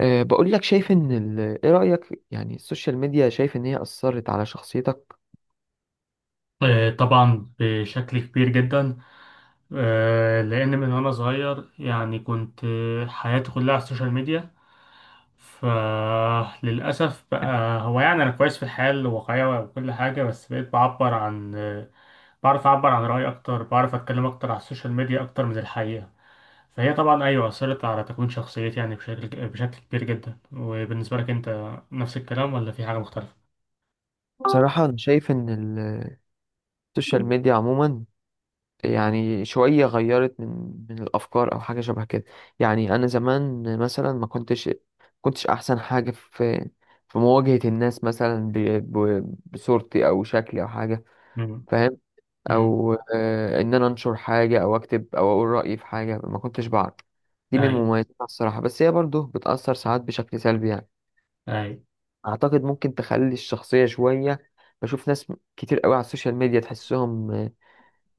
بقول لك، شايف ان ايه رأيك؟ يعني السوشيال ميديا شايف ان هي أثرت على شخصيتك؟ طبعا بشكل كبير جدا. لان من وانا صغير يعني كنت، حياتي كلها على السوشيال ميديا. فللاسف بقى، هو يعني انا كويس في الحياه الواقعيه وكل حاجه، بس بقيت بعبر عن بعرف اعبر عن رايي اكتر، بعرف اتكلم اكتر على السوشيال ميديا اكتر من الحقيقه. فهي طبعا ايوه اثرت على تكوين شخصيتي، يعني بشكل كبير جدا. وبالنسبه لك انت، نفس الكلام ولا في حاجه مختلفه؟ بصراحة انا شايف ان السوشيال ميديا عموما يعني شوية غيرت من الأفكار أو حاجة شبه كده. يعني أنا زمان مثلا ما كنتش أحسن حاجة في مواجهة الناس، مثلا بصورتي أو شكلي أو حاجة. امم. فاهم؟ امم. أو إن أنا أنشر حاجة أو أكتب أو أقول رأيي في حاجة، ما كنتش بعرف. دي من اي. مميزاتها الصراحة، بس هي برضه بتأثر ساعات بشكل سلبي يعني. اي. اعتقد ممكن تخلي الشخصيه شويه، بشوف ناس كتير قوي على السوشيال ميديا تحسهم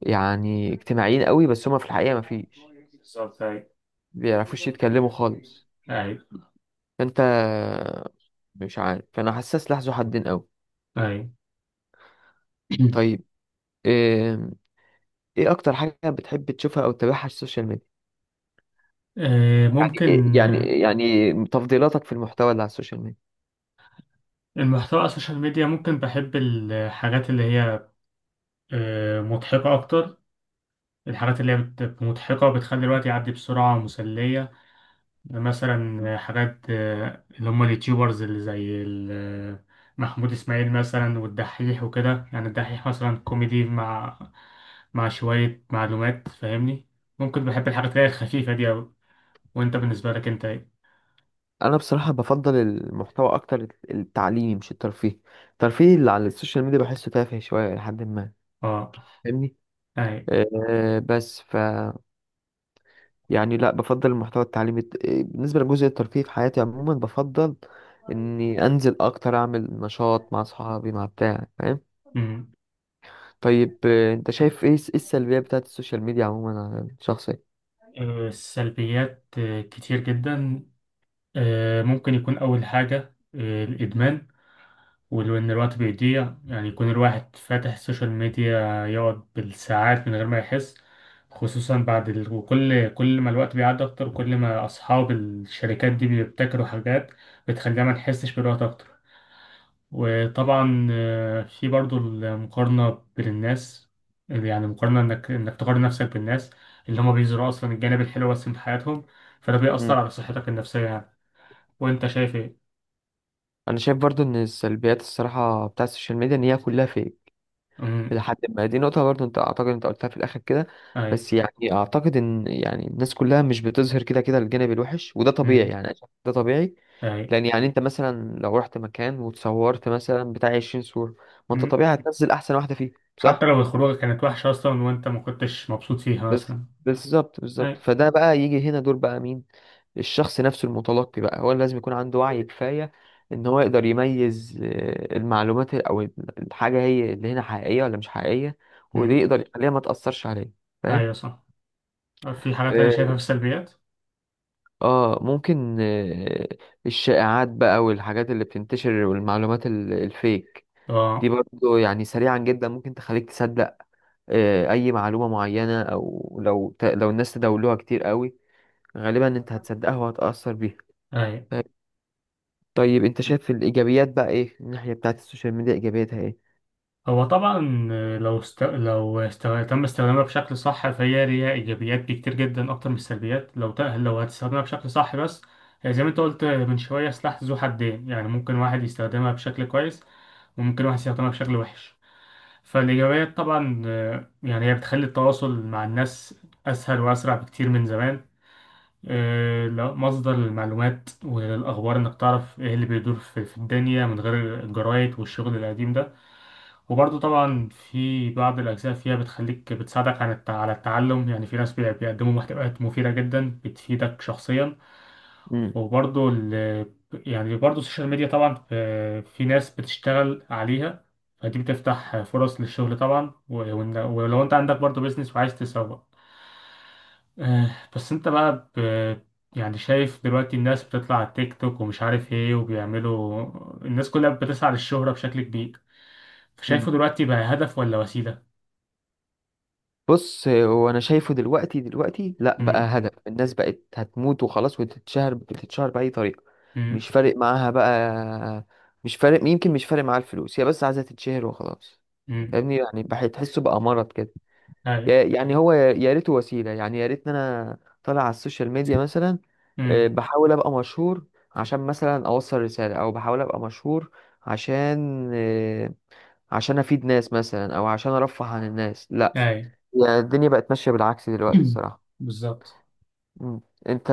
يعني اجتماعيين قوي، بس هما في الحقيقه ما فيش بالظبط، اي، بيعرفوش يتكلموا خالص. اي. فانت مش عارف، فانا حاسس لحظه حدين قوي. طيب. طيب، آم، ايه اكتر حاجه بتحب تشوفها او تتابعها على السوشيال ميديا؟ يعني ممكن يعني تفضيلاتك في المحتوى اللي على السوشيال ميديا؟ المحتوى على السوشيال ميديا، ممكن بحب الحاجات اللي هي مضحكة أكتر. الحاجات اللي هي مضحكة بتخلي الوقت يعدي بسرعة ومسلية. مثلا حاجات اللي هم اليوتيوبرز، اللي زي محمود إسماعيل مثلا، والدحيح وكده. يعني الدحيح مثلا كوميدي مع شوية معلومات، فاهمني. ممكن بحب الحاجات اللي هي الخفيفة دي أوي. وأنت بالنسبة لك أنت إيه؟ انا بصراحه بفضل المحتوى اكتر التعليمي مش الترفيهي. الترفيه اللي على السوشيال ميديا بحسه تافه شويه لحد ما، أه. فاهمني؟ بس ف يعني لا، بفضل المحتوى التعليمي، بالنسبة لجزء الترفيه في حياتي عموما بفضل اني انزل اكتر، اعمل نشاط مع اصحابي مع بتاع. فاهم؟ أي. طيب، انت شايف ايه إيه السلبيات بتاعت السوشيال ميديا عموما على الشخص؟ السلبيات كتير جدا. ممكن يكون أول حاجة الإدمان. وإن الوقت بيضيع، يعني يكون الواحد فاتح السوشيال ميديا يقعد بالساعات من غير ما يحس. خصوصا بعد وكل ما الوقت بيعدي أكتر، كل ما أصحاب الشركات دي بيبتكروا حاجات بتخلينا ما نحسش بالوقت أكتر. وطبعا في برضو المقارنة بين الناس. يعني مقارنة انك تقارن نفسك بالناس اللي هما بيزرعوا اصلا الجانب الحلو بس من حياتهم. فده مم. بيأثر على صحتك النفسية يعني. وانت شايف ايه؟ انا شايف برضو ان السلبيات الصراحة بتاعت السوشيال ميديا، ان هي كلها فيك أمم. لحد ما. دي نقطة برضو انت اعتقد انت قلتها في الاخر كده. اي. بس يعني اعتقد ان يعني الناس كلها مش بتظهر كده كده الجانب الوحش، وده طبيعي، أمم. يعني أنا شايف ده طبيعي. اي. لان يعني انت مثلا لو رحت مكان وتصورت مثلا بتاع 20 صورة، ما انت أمم. طبيعي هتنزل احسن واحدة فيهم، حتى صح؟ لو الخروجة كانت وحشة اصلا وانت ما كنتش مبسوط فيها بس مثلا. بالظبط بالظبط، اي. فده بقى يجي هنا دور بقى مين؟ الشخص نفسه المتلقي بقى، هو اللي لازم يكون عنده وعي كفاية ان هو يقدر يميز المعلومات او الحاجة هي اللي هنا حقيقية ولا مش حقيقية، ودي أمم. يقدر يخليها ما تأثرش عليه. فاهم؟ ايوه صح. في حاجة تانية اه، شايفها في السلبيات؟ ممكن، الشائعات بقى والحاجات اللي بتنتشر والمعلومات الفيك دي اه. برضو، يعني سريعا جدا ممكن تخليك تصدق اي معلومة معينة، او لو الناس تداولوها كتير قوي غالبا انت هتصدقها وهتأثر بيها. اي. طيب، انت شايف الايجابيات بقى، ايه الناحيه بتاعت السوشيال ميديا؟ ايجابياتها ايه؟ هو طبعا تم استخدامها بشكل صح، فهي ليها ايجابيات كتير جدا اكتر من السلبيات، لو هتستخدمها بشكل صح بس. زي ما انت قلت من شويه، سلاح ذو حدين يعني. ممكن واحد يستخدمها بشكل كويس، وممكن واحد يستخدمها بشكل وحش. فالايجابيات طبعا يعني هي بتخلي التواصل مع الناس اسهل واسرع بكتير من زمان. مصدر للمعلومات والاخبار، انك تعرف ايه اللي بيدور في الدنيا من غير الجرايد والشغل القديم ده. وبرضه طبعا في بعض الأجزاء فيها بتخليك، بتساعدك على التعلم. يعني في ناس بيقدموا محتويات مفيدة جدا بتفيدك شخصيا. امم. وبرضه ال يعني برضه السوشيال ميديا طبعا في ناس بتشتغل عليها. فدي بتفتح فرص للشغل طبعا، ولو انت عندك برضه بيزنس وعايز تسوق. بس انت بقى يعني شايف دلوقتي الناس بتطلع على التيك توك ومش عارف ايه وبيعملوا. الناس كلها بتسعى للشهرة بشكل كبير. مم. شايفه دلوقتي بقى هدف ولا وسيلة؟ بص، هو انا شايفه دلوقتي، لا بقى امم. هدف. الناس بقت هتموت وخلاص وتتشهر، بتتشهر باي طريقه. امم. مش فارق معاها بقى. مش فارق، يمكن مش فارق معاها الفلوس، هي بس عايزه تتشهر وخلاص. امم. فاهمني؟ يعني بحس تحسه بقى مرض كده. اي. يعني هو يا ريته وسيلة، يعني يا ريت ان انا طالع على السوشيال ميديا مثلا، امم. بحاول ابقى مشهور عشان مثلا اوصل رسالة، او بحاول ابقى مشهور عشان عشان افيد ناس مثلا، او عشان ارفه عن الناس، لا. اي. يعني الدنيا بقت ماشية بالعكس دلوقتي الصراحة. بالظبط. مم. انت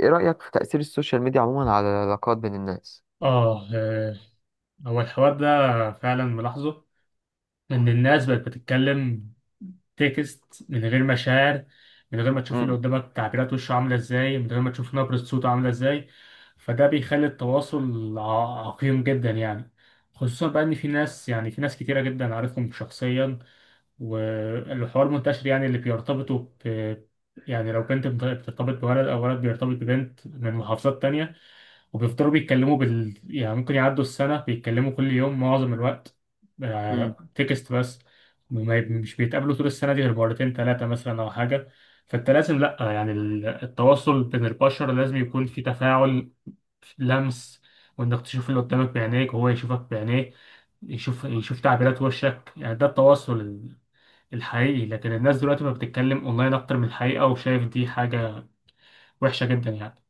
ايه رأيك في تأثير السوشيال ميديا عموما على العلاقات بين الناس؟ اه. هو الحوار ده فعلا ملاحظه. ان الناس بقت بتتكلم تكست من غير مشاعر، من غير ما تشوف اللي مم. قدامك تعبيرات وشه عاملة ازاي، من غير ما تشوف نبرة صوته عاملة ازاي. فده بيخلي التواصل عقيم جدا يعني. خصوصا بقى ان في ناس، يعني في ناس كتيرة جدا عارفهم شخصيا، والحوار منتشر. يعني اللي بيرتبطوا يعني لو بنت بترتبط بولد، أو ولد بيرتبط ببنت من محافظات تانية، وبيفضلوا بيتكلموا يعني ممكن يعدوا السنة بيتكلموا كل يوم معظم الوقت، مم. تكست بس. ما ي- مش بيتقابلوا طول السنة دي غير مرتين تلاتة مثلا أو حاجة. فأنت لازم، لأ يعني التواصل بين البشر لازم يكون في تفاعل، لمس. وإنك تشوف اللي قدامك بعينيك وهو يشوفك بعينيه، يشوف تعبيرات وشك. يعني ده التواصل الحقيقي. لكن الناس دلوقتي بقى بتتكلم اونلاين اكتر من الحقيقة، وشايف دي حاجة وحشة جدا يعني.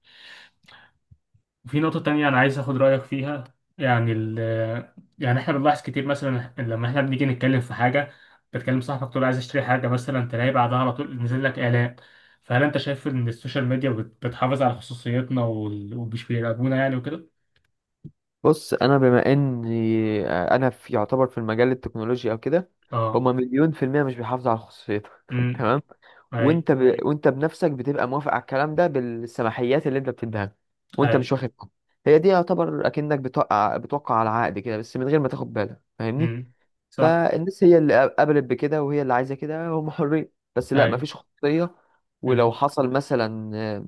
وفي نقطة تانية انا عايز اخد رأيك فيها. يعني ال يعني احنا بنلاحظ كتير مثلا، لما احنا بنيجي نتكلم في حاجة، بتكلم صاحبك تقول عايز اشتري حاجة مثلا، تلاقي بعدها على طول نزل لك اعلان. فهل انت شايف ان السوشيال ميديا بتحافظ على خصوصيتنا ومش بيراقبونا يعني وكده؟ بص، انا بما اني آه، انا في يعتبر في المجال التكنولوجي او كده، اه. هما مليون في المية مش بيحافظوا على خصوصيتك امم. تمام؟ اي. وانت بنفسك بتبقى موافق على الكلام ده بالسماحيات اللي انت بتديها له، وانت مش اي. واخد بالك. هي دي يعتبر اكنك بتوقع على عقد كده، بس من غير ما تاخد بالك. فاهمني؟ امم. صح. فالناس هي اللي قبلت بكده، وهي اللي عايزة كده، هم حرين. بس لا، اي. مفيش خصوصية. ولو امم. حصل مثلا،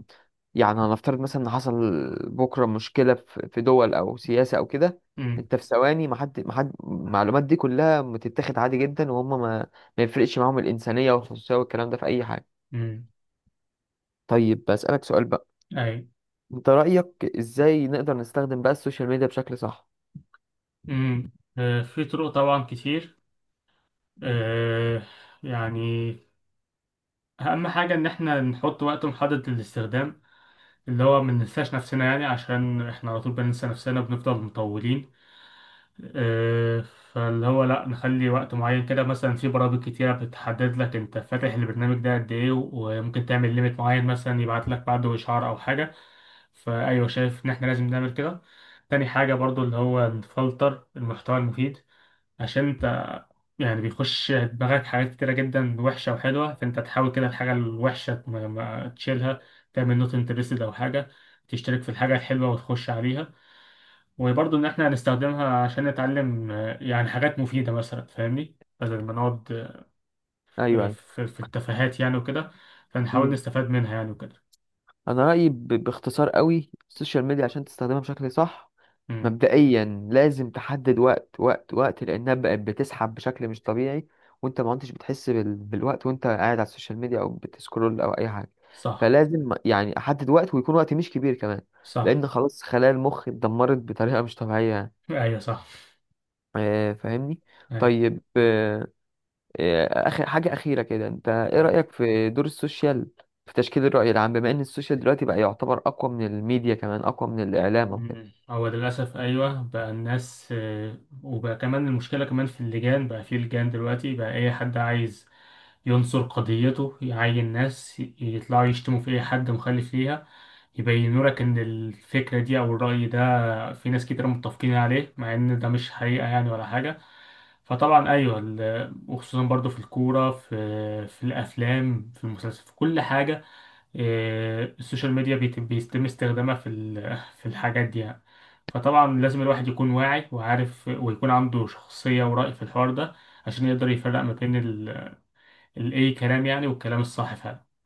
يعني هنفترض مثلا ان حصل بكره مشكله في دول او سياسه او كده، امم. انت في ثواني، ما حد، المعلومات دي كلها بتتاخد عادي جدا، وهم ما يفرقش معاهم الانسانيه والخصوصيه والكلام ده في اي حاجه. امم. طيب، بسالك سؤال بقى، اي. انت رايك ازاي نقدر نستخدم بقى السوشيال ميديا بشكل صح؟ امم. في طرق طبعا كتير. آه يعني أهم حاجة إن إحنا نحط وقت محدد للاستخدام، اللي هو ما ننساش نفسنا. يعني عشان إحنا على طول بننسى نفسنا وبنفضل مطولين. آه فاللي هو لأ، نخلي وقت معين كده مثلا. في برامج كتيرة بتحدد لك أنت فاتح البرنامج ده قد إيه، وممكن تعمل ليميت معين مثلا يبعت لك بعده إشعار أو حاجة. فأيوه، شايف إن إحنا لازم نعمل كده. تاني حاجة برضو اللي هو نفلتر المحتوى المفيد. عشان انت يعني بيخش دماغك حاجات كتيرة جدا وحشة وحلوة، فأنت تحاول كده الحاجة الوحشة ما تشيلها، تعمل نوت انترستد أو حاجة، تشترك في الحاجة الحلوة وتخش عليها. وبرضه إن إحنا هنستخدمها عشان نتعلم، يعني حاجات مفيدة مثلا، فاهمني، بدل ما نقعد ايوه، في التفاهات يعني وكده. فنحاول ايوه. نستفاد منها يعني وكده. انا رايي، باختصار قوي، السوشيال ميديا عشان تستخدمها بشكل صح امم. مبدئيا لازم تحدد وقت، وقت، وقت، لانها بقت بتسحب بشكل مش طبيعي، وانت ما عدتش بتحس بالوقت وانت قاعد على السوشيال ميديا او بتسكرول او اي حاجه. صح، فلازم يعني احدد وقت، ويكون وقت مش كبير كمان، صح. لان خلاص خلايا المخ اتدمرت بطريقه مش طبيعيه يعني. أيوه صح. فاهمني؟ أيوه. طيب، آه، إيه، آخر حاجة أخيرة كده، أنت إيه رأيك في دور السوشيال في تشكيل الرأي العام، بما إن السوشيال دلوقتي بقى يعتبر أقوى من الميديا، كمان أقوى من الإعلام مم. وكده؟ هو ده للأسف أيوة. بقى الناس، وبقى كمان المشكلة كمان في اللجان. بقى في لجان دلوقتي، بقى أي حد عايز ينصر قضيته يعين ناس يطلعوا يشتموا في أي حد مخالف ليها، يبينوا لك إن الفكرة دي أو الرأي ده في ناس كتير متفقين عليه، مع إن ده مش حقيقة يعني ولا حاجة. فطبعا أيوة، وخصوصا برضو في الكورة، في الأفلام، في المسلسل، في كل حاجة. إيه، السوشيال ميديا بيتم استخدامها في الحاجات دي يعني. فطبعا لازم الواحد يكون واعي وعارف، ويكون عنده شخصية ورأي في الحوار ده، عشان يقدر يفرق ما بين الأي كلام يعني والكلام الصح فعلا.